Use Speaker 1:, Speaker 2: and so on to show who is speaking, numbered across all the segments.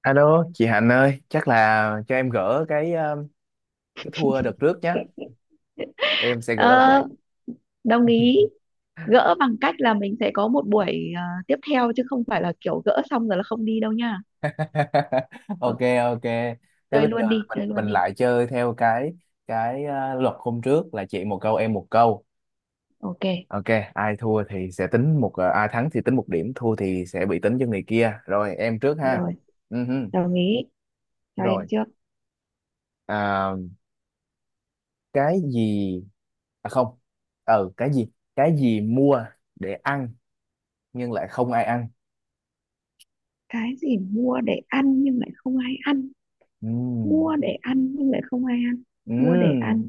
Speaker 1: Alo, chị Hạnh ơi, chắc là cho em gỡ cái thua đợt trước nhé. Em sẽ gỡ
Speaker 2: Ờ,
Speaker 1: lại.
Speaker 2: đồng ý gỡ bằng cách là mình sẽ có một buổi tiếp theo chứ không phải là kiểu gỡ xong rồi là không đi đâu nha. Ờ,
Speaker 1: Ok, ok. Thế
Speaker 2: chơi
Speaker 1: bây giờ
Speaker 2: luôn đi
Speaker 1: mình
Speaker 2: chơi
Speaker 1: mình
Speaker 2: luôn đi.
Speaker 1: lại chơi theo cái luật hôm trước là chị một câu em một câu.
Speaker 2: Ok.
Speaker 1: Ok, ai thua thì sẽ tính ai thắng thì tính một điểm, thua thì sẽ bị tính cho người kia. Rồi em trước ha.
Speaker 2: Rồi,
Speaker 1: Ừ hừ.
Speaker 2: đồng ý cho em
Speaker 1: Rồi,
Speaker 2: trước.
Speaker 1: à, cái gì, à không. Ừ, cái gì? Cái gì mua để ăn nhưng lại không ai ăn.
Speaker 2: Cái gì mua để ăn nhưng lại không ai ăn?
Speaker 1: Ừ.
Speaker 2: Mua để ăn nhưng lại không ai ăn. Mua để
Speaker 1: Ừm,
Speaker 2: ăn,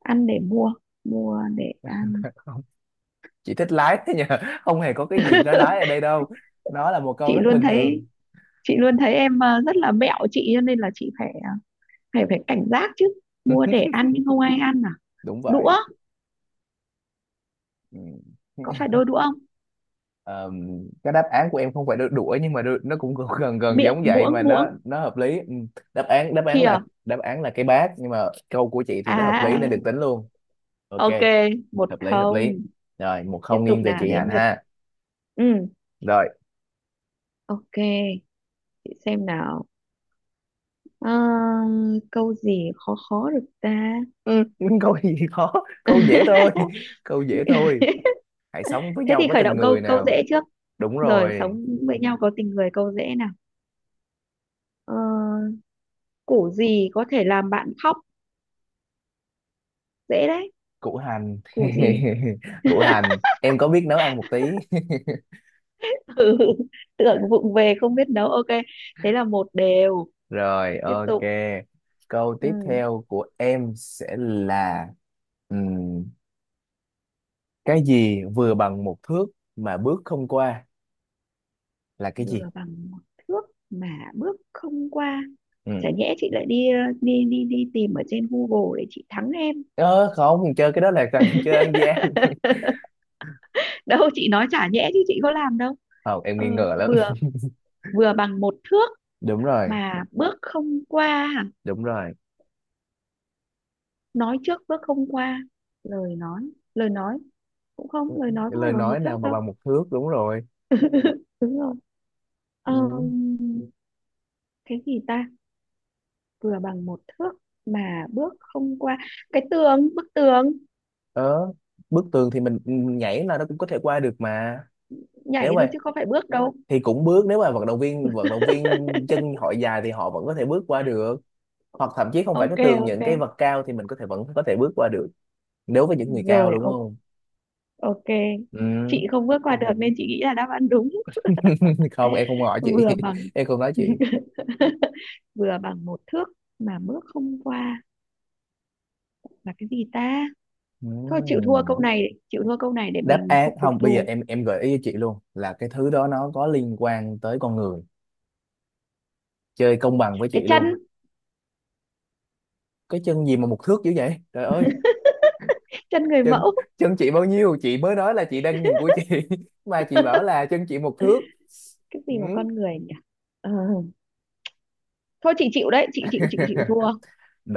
Speaker 2: ăn để mua, mua để ăn.
Speaker 1: không, chị thích lái thế nhờ, không hề có cái gì nó lái ở đây đâu, nó là một câu
Speaker 2: Chị
Speaker 1: rất
Speaker 2: luôn
Speaker 1: bình thường.
Speaker 2: thấy, chị luôn thấy em à, rất là mẹo chị cho nên là chị phải phải phải cảnh giác chứ. Mua để ăn nhưng không ai ăn à?
Speaker 1: Đúng
Speaker 2: Đũa.
Speaker 1: vậy. Ừm.
Speaker 2: Có phải đôi đũa không?
Speaker 1: Ờm, cái đáp án của em không phải đuổi nhưng mà nó cũng gần gần gần
Speaker 2: Miệng.
Speaker 1: giống vậy mà
Speaker 2: Muỗng,
Speaker 1: nó
Speaker 2: muỗng.
Speaker 1: nó hợp lý. Đáp án đáp án
Speaker 2: Thìa.
Speaker 1: là đáp án là cái bát, nhưng mà câu của chị
Speaker 2: À.
Speaker 1: thì nó hợp
Speaker 2: À.
Speaker 1: lý nên được tính luôn. Ok,
Speaker 2: Ok. Một
Speaker 1: hợp lý hợp lý.
Speaker 2: không.
Speaker 1: Rồi, một
Speaker 2: Tiếp
Speaker 1: không
Speaker 2: tục
Speaker 1: nghiêng về
Speaker 2: nào,
Speaker 1: chị Hạnh
Speaker 2: đến lượt.
Speaker 1: ha.
Speaker 2: Ừ.
Speaker 1: Rồi.
Speaker 2: Ok. Chị xem nào. Ờ, câu gì khó khó được ta?
Speaker 1: Ừm, câu gì khó, câu dễ thôi, câu dễ thôi, hãy sống với
Speaker 2: Thế
Speaker 1: nhau
Speaker 2: thì
Speaker 1: với
Speaker 2: khởi
Speaker 1: tình
Speaker 2: động
Speaker 1: người
Speaker 2: câu câu
Speaker 1: nào.
Speaker 2: dễ trước
Speaker 1: Đúng
Speaker 2: rồi.
Speaker 1: rồi.
Speaker 2: Sống với nhau có tình người, câu dễ nào. Ờ, củ gì có thể làm bạn khóc? Dễ đấy.
Speaker 1: Củ hành.
Speaker 2: Củ gì?
Speaker 1: Củ hành, em có biết nấu ăn một tí.
Speaker 2: Ừ, tưởng vụng về không biết nấu. Ok. Thế là một đều.
Speaker 1: Rồi
Speaker 2: Tiếp
Speaker 1: ok.
Speaker 2: tục.
Speaker 1: Câu tiếp
Speaker 2: Ừ.
Speaker 1: theo của em sẽ là ừm, cái gì vừa bằng một thước mà bước không qua, là cái gì.
Speaker 2: Vừa bằng một thước mà bước không qua.
Speaker 1: Ừ.
Speaker 2: Chả nhẽ chị lại đi đi tìm ở trên Google để chị thắng em?
Speaker 1: Ờ, không, chơi cái đó là thằng chơi ăn gian.
Speaker 2: Đâu, chị nói chả nhẽ chứ chị có làm đâu.
Speaker 1: Không, em
Speaker 2: ờ,
Speaker 1: nghi ngờ lắm.
Speaker 2: Vừa, vừa bằng một thước
Speaker 1: Đúng rồi,
Speaker 2: mà bước không qua hả?
Speaker 1: đúng rồi.
Speaker 2: Nói trước bước không qua. Lời nói, lời nói cũng không. Lời nói có phải
Speaker 1: Lời
Speaker 2: bằng
Speaker 1: nói
Speaker 2: một
Speaker 1: nào
Speaker 2: thước
Speaker 1: mà
Speaker 2: đâu.
Speaker 1: bằng một thước, đúng rồi.
Speaker 2: Đúng rồi. Ờ,
Speaker 1: Ừ.
Speaker 2: cái gì ta? Vừa bằng một thước mà bước không qua. Cái tường, bức tường.
Speaker 1: Ờ, bức tường thì mình nhảy là nó cũng có thể qua được mà. Nếu
Speaker 2: Nhảy thôi
Speaker 1: mà
Speaker 2: chứ không phải bước đâu.
Speaker 1: thì cũng bước, nếu mà vận động viên chân họ dài thì họ vẫn có thể bước qua được, hoặc thậm chí không phải cái
Speaker 2: Ok.
Speaker 1: tường,
Speaker 2: Ok.
Speaker 1: những cái vật cao thì mình có thể vẫn có thể bước qua được nếu với những người cao,
Speaker 2: Rồi,
Speaker 1: đúng không.
Speaker 2: ok.
Speaker 1: Ừ.
Speaker 2: Chị không bước qua được nên chị nghĩ là đáp án đúng.
Speaker 1: Không, em không hỏi chị,
Speaker 2: Vừa bằng
Speaker 1: em không nói chị.
Speaker 2: vừa bằng một thước mà bước không qua là cái gì ta?
Speaker 1: Ừ.
Speaker 2: Thôi, chịu thua câu này, chịu thua câu này để
Speaker 1: Đáp
Speaker 2: mình
Speaker 1: án
Speaker 2: không phục
Speaker 1: không, bây giờ
Speaker 2: thù.
Speaker 1: em gợi ý cho chị luôn là cái thứ đó nó có liên quan tới con người, chơi công bằng với chị
Speaker 2: Cái
Speaker 1: luôn.
Speaker 2: chân,
Speaker 1: Cái chân gì mà một thước dữ vậy trời ơi.
Speaker 2: chân người
Speaker 1: Chân,
Speaker 2: mẫu.
Speaker 1: chân chị bao nhiêu chị mới nói, là chị đang nhìn của chị, mà chị bảo là chân chị một thước.
Speaker 2: Cái
Speaker 1: Ừ.
Speaker 2: gì mà con người nhỉ? Ờ, thôi chị chịu đấy, chị chịu thua.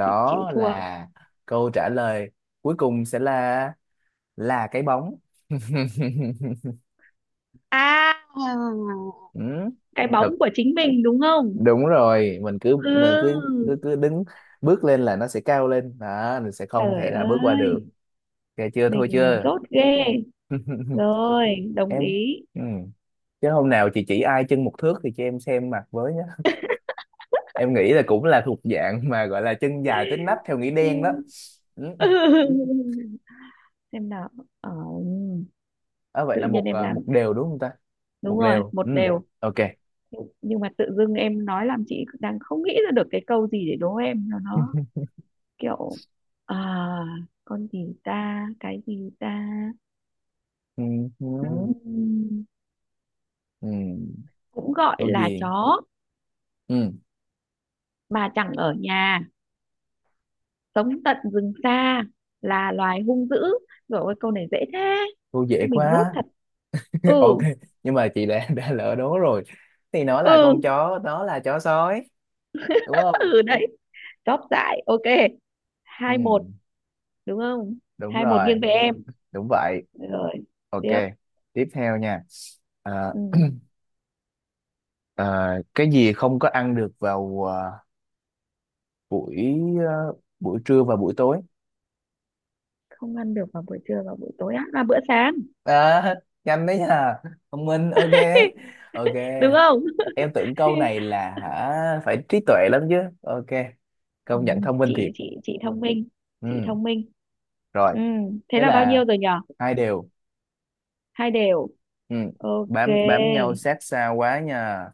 Speaker 2: Chị chịu thua.
Speaker 1: là câu trả lời, cuối cùng sẽ là cái bóng.
Speaker 2: À,
Speaker 1: Ừ.
Speaker 2: cái bóng
Speaker 1: Thật,
Speaker 2: của chính mình đúng không?
Speaker 1: đúng rồi,
Speaker 2: Ừ.
Speaker 1: mình cứ cứ cứ đứng bước lên là nó sẽ cao lên đó, mình sẽ không thể
Speaker 2: Trời
Speaker 1: nào bước qua được.
Speaker 2: ơi,
Speaker 1: Ok chưa, thôi
Speaker 2: mình
Speaker 1: chưa.
Speaker 2: dốt ghê. Rồi, đồng
Speaker 1: Em,
Speaker 2: ý.
Speaker 1: ừ. Chứ hôm nào chị chỉ ai chân một thước thì cho em xem mặt với nhé. Em nghĩ là cũng là thuộc dạng mà gọi là chân dài tới nách theo nghĩa
Speaker 2: Ừ.
Speaker 1: đen đó. Ừ.
Speaker 2: Xem nào. ờ,
Speaker 1: À, vậy
Speaker 2: Tự
Speaker 1: là
Speaker 2: nhiên em
Speaker 1: một
Speaker 2: làm
Speaker 1: đều đúng không ta. một
Speaker 2: đúng rồi
Speaker 1: đều
Speaker 2: một
Speaker 1: Ừ.
Speaker 2: đều.
Speaker 1: Ok.
Speaker 2: Nhưng mà tự dưng em nói làm chị đang không nghĩ ra được cái câu gì để đố em cho nó kiểu. À, con gì ta, cái gì ta?
Speaker 1: Ừ, ừ,
Speaker 2: Ừm,
Speaker 1: ừ,
Speaker 2: cũng gọi
Speaker 1: tô
Speaker 2: là
Speaker 1: diền.
Speaker 2: chó
Speaker 1: Ừ,
Speaker 2: mà chẳng ở nhà, sống tận rừng xa, là loài hung dữ. Rồi, ôi câu này dễ thế,
Speaker 1: cô dễ
Speaker 2: chứ mình dốt
Speaker 1: quá.
Speaker 2: thật. Ừ.
Speaker 1: Ok. Nhưng mà chị đã đã lỡ đố rồi thì nó là con
Speaker 2: Ừ.
Speaker 1: chó, nó là chó sói, đúng không.
Speaker 2: Ừ đấy. Chóp dại. Ok.
Speaker 1: Ừ,
Speaker 2: Hai một đúng không?
Speaker 1: đúng
Speaker 2: Hai một
Speaker 1: rồi.
Speaker 2: nghiêng về em.
Speaker 1: Đúng vậy.
Speaker 2: Rồi,
Speaker 1: Ok.
Speaker 2: tiếp.
Speaker 1: Tiếp theo nha. À,
Speaker 2: Ừ.
Speaker 1: à, cái gì không có ăn được vào buổi, à, buổi trưa và buổi tối.
Speaker 2: Không ăn được vào buổi trưa và buổi tối, ăn vào bữa sáng.
Speaker 1: À, nhanh đấy nha, thông minh. Ok, ok.
Speaker 2: Đúng không?
Speaker 1: Em tưởng câu này là hả, phải trí tuệ lắm chứ. Ok,
Speaker 2: Ừ.
Speaker 1: công nhận thông minh
Speaker 2: chị
Speaker 1: thiệt.
Speaker 2: chị chị thông minh, chị
Speaker 1: Ừ.
Speaker 2: thông minh.
Speaker 1: Rồi.
Speaker 2: Ừ. Thế
Speaker 1: Thế
Speaker 2: là bao
Speaker 1: là
Speaker 2: nhiêu rồi nhở?
Speaker 1: 2-2.
Speaker 2: Hai đều.
Speaker 1: Ừ.
Speaker 2: Ok.
Speaker 1: Bám bám nhau sát sao quá nha,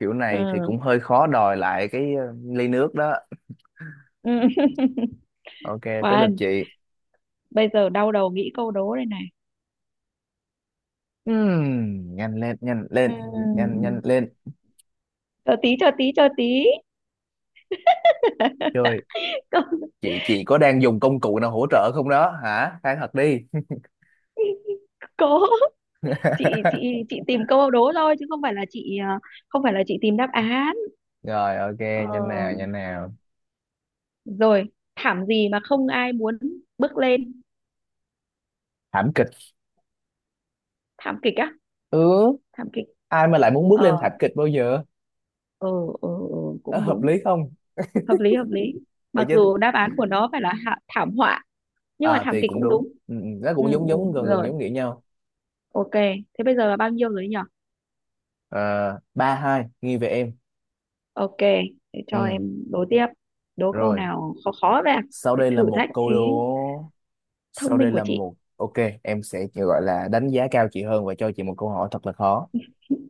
Speaker 1: kiểu
Speaker 2: Đúng
Speaker 1: này thì
Speaker 2: rồi.
Speaker 1: cũng hơi khó đòi lại cái ly nước đó.
Speaker 2: Ừ. Ừ.
Speaker 1: Ok. Tới lượt
Speaker 2: Khoan,
Speaker 1: chị.
Speaker 2: bây giờ đau đầu nghĩ câu đố đây này.
Speaker 1: Ừ. Nhanh lên nhanh lên, nhanh
Speaker 2: Ừ.
Speaker 1: nhanh lên.
Speaker 2: Chờ tí, chờ tí, chờ tí.
Speaker 1: Chơi.
Speaker 2: Câu-
Speaker 1: Chị có đang dùng công cụ nào hỗ trợ không đó hả, khai thật đi.
Speaker 2: Cố. chị chị chị tìm câu đố thôi chứ không phải là chị không phải là chị tìm đáp án.
Speaker 1: Rồi, ok,
Speaker 2: ờ,
Speaker 1: nhanh nào nhanh nào.
Speaker 2: Rồi, thảm gì mà không ai muốn bước lên?
Speaker 1: Thảm kịch.
Speaker 2: Thảm kịch á?
Speaker 1: Ừ,
Speaker 2: Thảm kịch.
Speaker 1: ai mà lại muốn bước
Speaker 2: ờ
Speaker 1: lên thảm kịch bao giờ.
Speaker 2: ờ
Speaker 1: Ờ,
Speaker 2: Cũng
Speaker 1: hợp
Speaker 2: đúng.
Speaker 1: lý không.
Speaker 2: Hợp lý, hợp lý.
Speaker 1: Vậy
Speaker 2: Mặc
Speaker 1: chứ.
Speaker 2: dù đáp án của nó phải là thảm họa, nhưng mà
Speaker 1: À
Speaker 2: thảm
Speaker 1: thì
Speaker 2: kịch
Speaker 1: cũng
Speaker 2: cũng
Speaker 1: đúng,
Speaker 2: đúng.
Speaker 1: ừ, ừ, nó
Speaker 2: Ừ,
Speaker 1: cũng giống
Speaker 2: ừ.
Speaker 1: giống gần gần
Speaker 2: Rồi,
Speaker 1: giống nghĩa nhau.
Speaker 2: ok. Thế bây giờ là bao nhiêu rồi nhỉ?
Speaker 1: À, 3-2 nghi về em.
Speaker 2: Ok, để cho
Speaker 1: Ừ,
Speaker 2: em đố tiếp. Đố câu
Speaker 1: rồi.
Speaker 2: nào khó khó ra,
Speaker 1: Sau
Speaker 2: để
Speaker 1: đây là
Speaker 2: thử
Speaker 1: một
Speaker 2: thách
Speaker 1: câu
Speaker 2: trí
Speaker 1: đố,
Speaker 2: thông
Speaker 1: sau
Speaker 2: minh
Speaker 1: đây
Speaker 2: của
Speaker 1: là
Speaker 2: chị.
Speaker 1: một, ok, em sẽ chỉ gọi là đánh giá cao chị hơn và cho chị một câu hỏi thật là khó.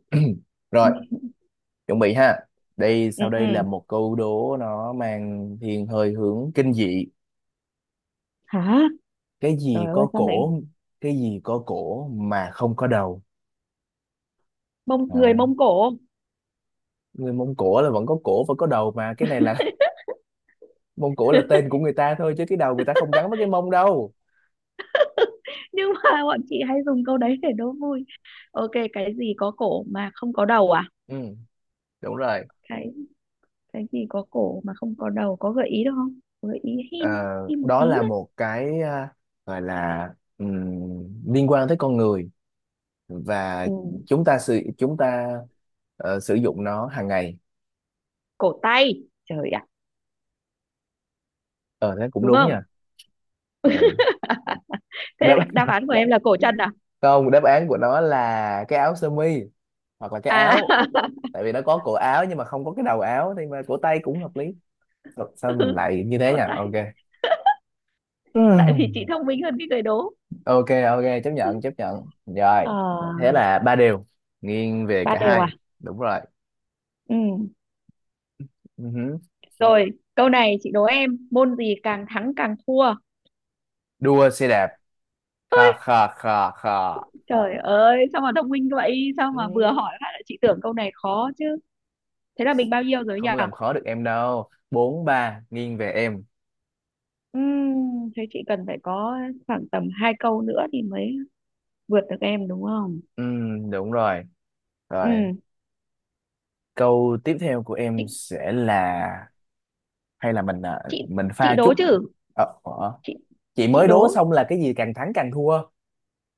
Speaker 1: Rồi, chuẩn bị ha. Đây,
Speaker 2: Ừ.
Speaker 1: sau đây là
Speaker 2: Ừ.
Speaker 1: một câu đố, nó mang thiên hơi hướng kinh dị.
Speaker 2: Hả?
Speaker 1: Cái gì
Speaker 2: Trời ơi,
Speaker 1: có
Speaker 2: sao lại
Speaker 1: cổ, cái gì có cổ mà không có đầu.
Speaker 2: Mông, người
Speaker 1: À,
Speaker 2: Mông Cổ?
Speaker 1: người Mông Cổ là vẫn có cổ và có đầu mà, cái này là mông cổ là tên của người ta thôi chứ cái đầu người ta không gắn với cái mông đâu.
Speaker 2: Nhưng mà bọn chị hay dùng câu đấy để đố vui. Ok, cái gì có cổ mà không có đầu à?
Speaker 1: Ừ, đúng rồi.
Speaker 2: Cái cái gì có cổ mà không có đầu, có gợi ý được không? Gợi ý
Speaker 1: Ờ,
Speaker 2: hin, hin một
Speaker 1: đó
Speaker 2: tí
Speaker 1: là
Speaker 2: đấy.
Speaker 1: một cái, à, gọi là ừm, liên quan tới con người, và
Speaker 2: Ừ.
Speaker 1: chúng ta sử dụng nó hàng ngày.
Speaker 2: Cổ tay, trời ạ.
Speaker 1: Ờ thế cũng
Speaker 2: Đúng
Speaker 1: đúng
Speaker 2: không?
Speaker 1: nha. Ờ, đáp,
Speaker 2: Thế đáp án của dạ em là cổ chân à?
Speaker 1: không, đáp án của nó là cái áo sơ mi, hoặc là cái
Speaker 2: À.
Speaker 1: áo, tại vì nó có cổ áo nhưng mà không có cái đầu áo, thì mà cổ tay cũng hợp lý. Sao, sao mình
Speaker 2: Ừ,
Speaker 1: lại như thế
Speaker 2: cổ
Speaker 1: nhỉ,
Speaker 2: tay,
Speaker 1: ok.
Speaker 2: tại vì
Speaker 1: Ừm.
Speaker 2: chị thông minh hơn cái người đố.
Speaker 1: Ok, ok, chấp nhận rồi.
Speaker 2: Ờ.
Speaker 1: Thế là 3-3, nghiêng về
Speaker 2: Ba. Ừ.
Speaker 1: cả
Speaker 2: Đều
Speaker 1: hai.
Speaker 2: à?
Speaker 1: Đúng rồi.
Speaker 2: Ừ.
Speaker 1: Ừ hứ.
Speaker 2: Rồi, câu này chị đố em. Môn gì càng thắng càng thua?
Speaker 1: Đua xe đạp, kha kha kha kha.
Speaker 2: Trời ơi, sao mà thông minh vậy? Sao mà vừa
Speaker 1: Ừ,
Speaker 2: hỏi phát là chị tưởng câu này khó chứ? Thế là mình bao nhiêu rồi nhỉ?
Speaker 1: không làm khó được em đâu, 4-3 nghiêng về em.
Speaker 2: Thế chị cần phải có khoảng tầm hai câu nữa thì mới vượt được em đúng không?
Speaker 1: Ừ, đúng rồi. Rồi,
Speaker 2: Ừm,
Speaker 1: câu tiếp theo của
Speaker 2: chị
Speaker 1: em sẽ là, hay là mình à,
Speaker 2: chị
Speaker 1: mình
Speaker 2: chị
Speaker 1: pha
Speaker 2: đố
Speaker 1: chút
Speaker 2: chứ?
Speaker 1: ờ, ờ.
Speaker 2: Chị
Speaker 1: Chị
Speaker 2: chị
Speaker 1: mới đố
Speaker 2: đố.
Speaker 1: xong là cái gì càng thắng càng thua.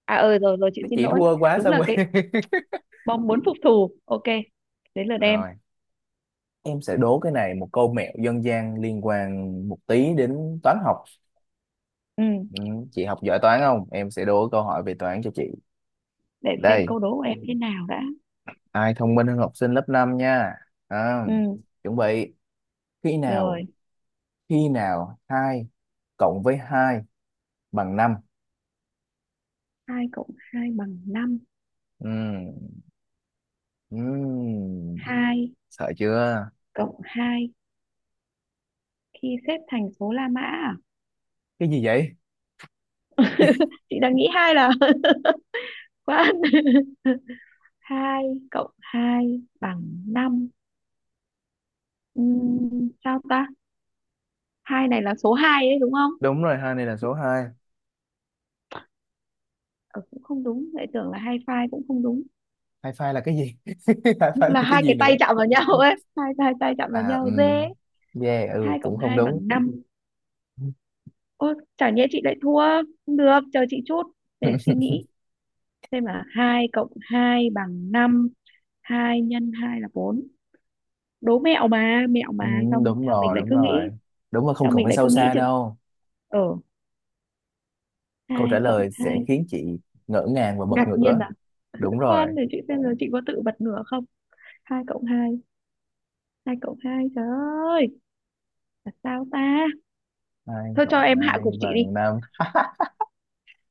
Speaker 2: À, ờ, rồi, rồi, chị
Speaker 1: Cái
Speaker 2: xin
Speaker 1: chị
Speaker 2: lỗi.
Speaker 1: thua quá
Speaker 2: Đúng
Speaker 1: xong
Speaker 2: là cái
Speaker 1: rồi.
Speaker 2: bom muốn phục thù. Ok. Đến lượt em.
Speaker 1: Rồi. Em sẽ đố cái này một câu mẹo dân gian liên quan một tí đến toán học.
Speaker 2: Ừm,
Speaker 1: Ừ, chị học giỏi toán không? Em sẽ đố câu hỏi về toán cho chị.
Speaker 2: để xem
Speaker 1: Đây,
Speaker 2: câu đố của em thế nào đã.
Speaker 1: ai thông minh hơn học sinh lớp 5 nha. À,
Speaker 2: Ừm,
Speaker 1: chuẩn bị. Khi nào,
Speaker 2: Rồi,
Speaker 1: khi nào 2 cộng với 2 bằng 5.
Speaker 2: 2 cộng 2 bằng năm.
Speaker 1: Ừ, ừ,
Speaker 2: Hai
Speaker 1: sợ chưa?
Speaker 2: cộng 2 khi xếp thành số La Mã à?
Speaker 1: Cái gì vậy?
Speaker 2: Chị đang nghĩ hai là quá. Hai cộng 2 bằng năm. Sao ta? Hai này là số hai đấy đúng không?
Speaker 1: Đúng rồi, 2 này là số 2.
Speaker 2: Ờ, cũng không đúng, lại tưởng là hai phai cũng không đúng.
Speaker 1: Hai phai là cái gì? Hai phai là
Speaker 2: Là
Speaker 1: cái
Speaker 2: hai
Speaker 1: gì
Speaker 2: cái tay
Speaker 1: nữa?
Speaker 2: chạm vào nhau ấy, hai hai tay chạm vào
Speaker 1: À, ừ,
Speaker 2: nhau dê.
Speaker 1: yeah, ừ,
Speaker 2: Hai cộng
Speaker 1: cũng không
Speaker 2: 2
Speaker 1: đúng.
Speaker 2: bằng năm. Ô, chả nhẽ chị lại thua. Không được, chờ chị chút để suy nghĩ. Xem là 2 cộng 2 bằng năm. Hai nhân 2 là bốn. Đố mẹo mà, mẹo
Speaker 1: Ừ,
Speaker 2: mà, xong
Speaker 1: đúng
Speaker 2: sao mình
Speaker 1: rồi,
Speaker 2: lại
Speaker 1: đúng
Speaker 2: cứ
Speaker 1: rồi.
Speaker 2: nghĩ,
Speaker 1: Đúng rồi, không
Speaker 2: sao
Speaker 1: cần
Speaker 2: mình
Speaker 1: phải
Speaker 2: lại cứ
Speaker 1: sâu
Speaker 2: nghĩ
Speaker 1: xa
Speaker 2: chừng
Speaker 1: đâu.
Speaker 2: ở
Speaker 1: Câu
Speaker 2: hai
Speaker 1: trả
Speaker 2: cộng
Speaker 1: lời sẽ
Speaker 2: hai.
Speaker 1: khiến chị ngỡ ngàng và bật
Speaker 2: Ngạc nhiên
Speaker 1: ngửa.
Speaker 2: à?
Speaker 1: Đúng rồi.
Speaker 2: Khoan, để chị xem rồi chị có tự bật ngửa không. Hai cộng hai, hai cộng hai, trời ơi, là sao ta?
Speaker 1: Hai
Speaker 2: Thôi cho
Speaker 1: cộng
Speaker 2: em hạ gục
Speaker 1: hai
Speaker 2: chị đi.
Speaker 1: bằng năm.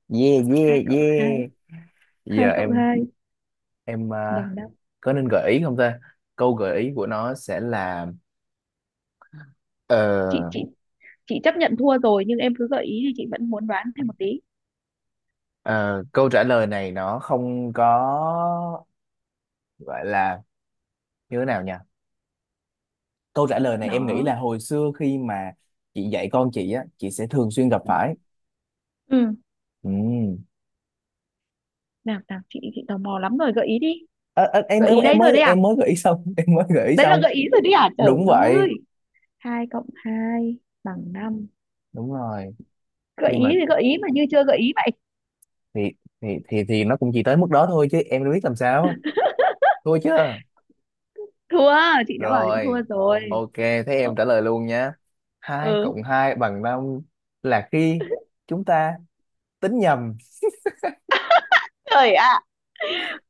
Speaker 1: Yeah, yeah,
Speaker 2: Hai cộng hai,
Speaker 1: yeah.
Speaker 2: hai
Speaker 1: Giờ
Speaker 2: cộng
Speaker 1: em
Speaker 2: hai
Speaker 1: em
Speaker 2: bằng
Speaker 1: à,
Speaker 2: năm.
Speaker 1: có nên gợi ý không ta? Câu gợi ý của nó sẽ là, ờ,
Speaker 2: Chị chị chị chấp nhận thua rồi nhưng em cứ gợi ý thì chị vẫn muốn đoán thêm một tí
Speaker 1: ờ, câu trả lời này nó không có gọi là như thế nào nhỉ? Câu trả lời này em nghĩ
Speaker 2: đó.
Speaker 1: là hồi xưa khi mà chị dạy con chị á, chị sẽ thường xuyên gặp phải.
Speaker 2: Ừ,
Speaker 1: Ừ.
Speaker 2: nào nào, chị tò mò lắm rồi, gợi ý đi.
Speaker 1: Ờ, ờ, em
Speaker 2: Gợi
Speaker 1: em
Speaker 2: ý
Speaker 1: em
Speaker 2: đấy rồi
Speaker 1: mới
Speaker 2: đấy à?
Speaker 1: em mới gợi ý xong, em mới gợi ý
Speaker 2: Đấy là
Speaker 1: xong.
Speaker 2: gợi ý rồi đấy à, trời
Speaker 1: Đúng
Speaker 2: ơi?
Speaker 1: vậy.
Speaker 2: Hai cộng hai bằng năm.
Speaker 1: Đúng rồi.
Speaker 2: Gợi
Speaker 1: Khi
Speaker 2: ý
Speaker 1: mà
Speaker 2: thì gợi ý mà như chưa gợi ý vậy.
Speaker 1: thì thì nó cũng chỉ tới mức đó thôi chứ em đâu biết làm sao, thôi chứ.
Speaker 2: Thua, chị đã bảo chị
Speaker 1: Rồi,
Speaker 2: thua rồi.
Speaker 1: ok, thế
Speaker 2: Ờ.
Speaker 1: em trả lời luôn nhé. Hai cộng
Speaker 2: Ừ,
Speaker 1: hai bằng năm là khi chúng ta tính nhầm.
Speaker 2: trời ạ.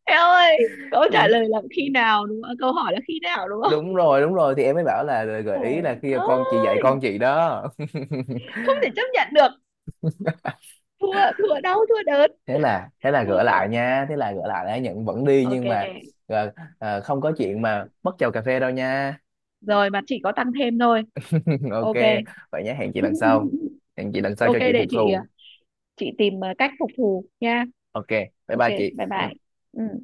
Speaker 2: Em ơi, câu trả
Speaker 1: Gì?
Speaker 2: lời là khi nào đúng không? À, câu hỏi là khi nào đúng không?
Speaker 1: Đúng rồi đúng rồi, thì em mới bảo là gợi ý
Speaker 2: Trời
Speaker 1: là khi con chị dạy
Speaker 2: ơi,
Speaker 1: con chị đó.
Speaker 2: không thể chấp nhận được. Thua, thua đau, thua đớn.
Speaker 1: Thế là, thế là
Speaker 2: Thua
Speaker 1: gỡ lại
Speaker 2: kiểu.
Speaker 1: nha, thế là gỡ lại đã, nhận vẫn đi nhưng mà
Speaker 2: Ok,
Speaker 1: ờ, không có chuyện mà mất chầu cà phê đâu nha.
Speaker 2: rồi mà chỉ có tăng thêm thôi.
Speaker 1: Ok
Speaker 2: Ok.
Speaker 1: vậy nhé, hẹn chị lần sau, hẹn chị lần sau cho
Speaker 2: Ok,
Speaker 1: chị
Speaker 2: để
Speaker 1: phục
Speaker 2: chị
Speaker 1: thù.
Speaker 2: chị tìm cách phục thù nha.
Speaker 1: Ok, bye
Speaker 2: Ok.
Speaker 1: bye
Speaker 2: Bye
Speaker 1: chị.
Speaker 2: bye. Ừ.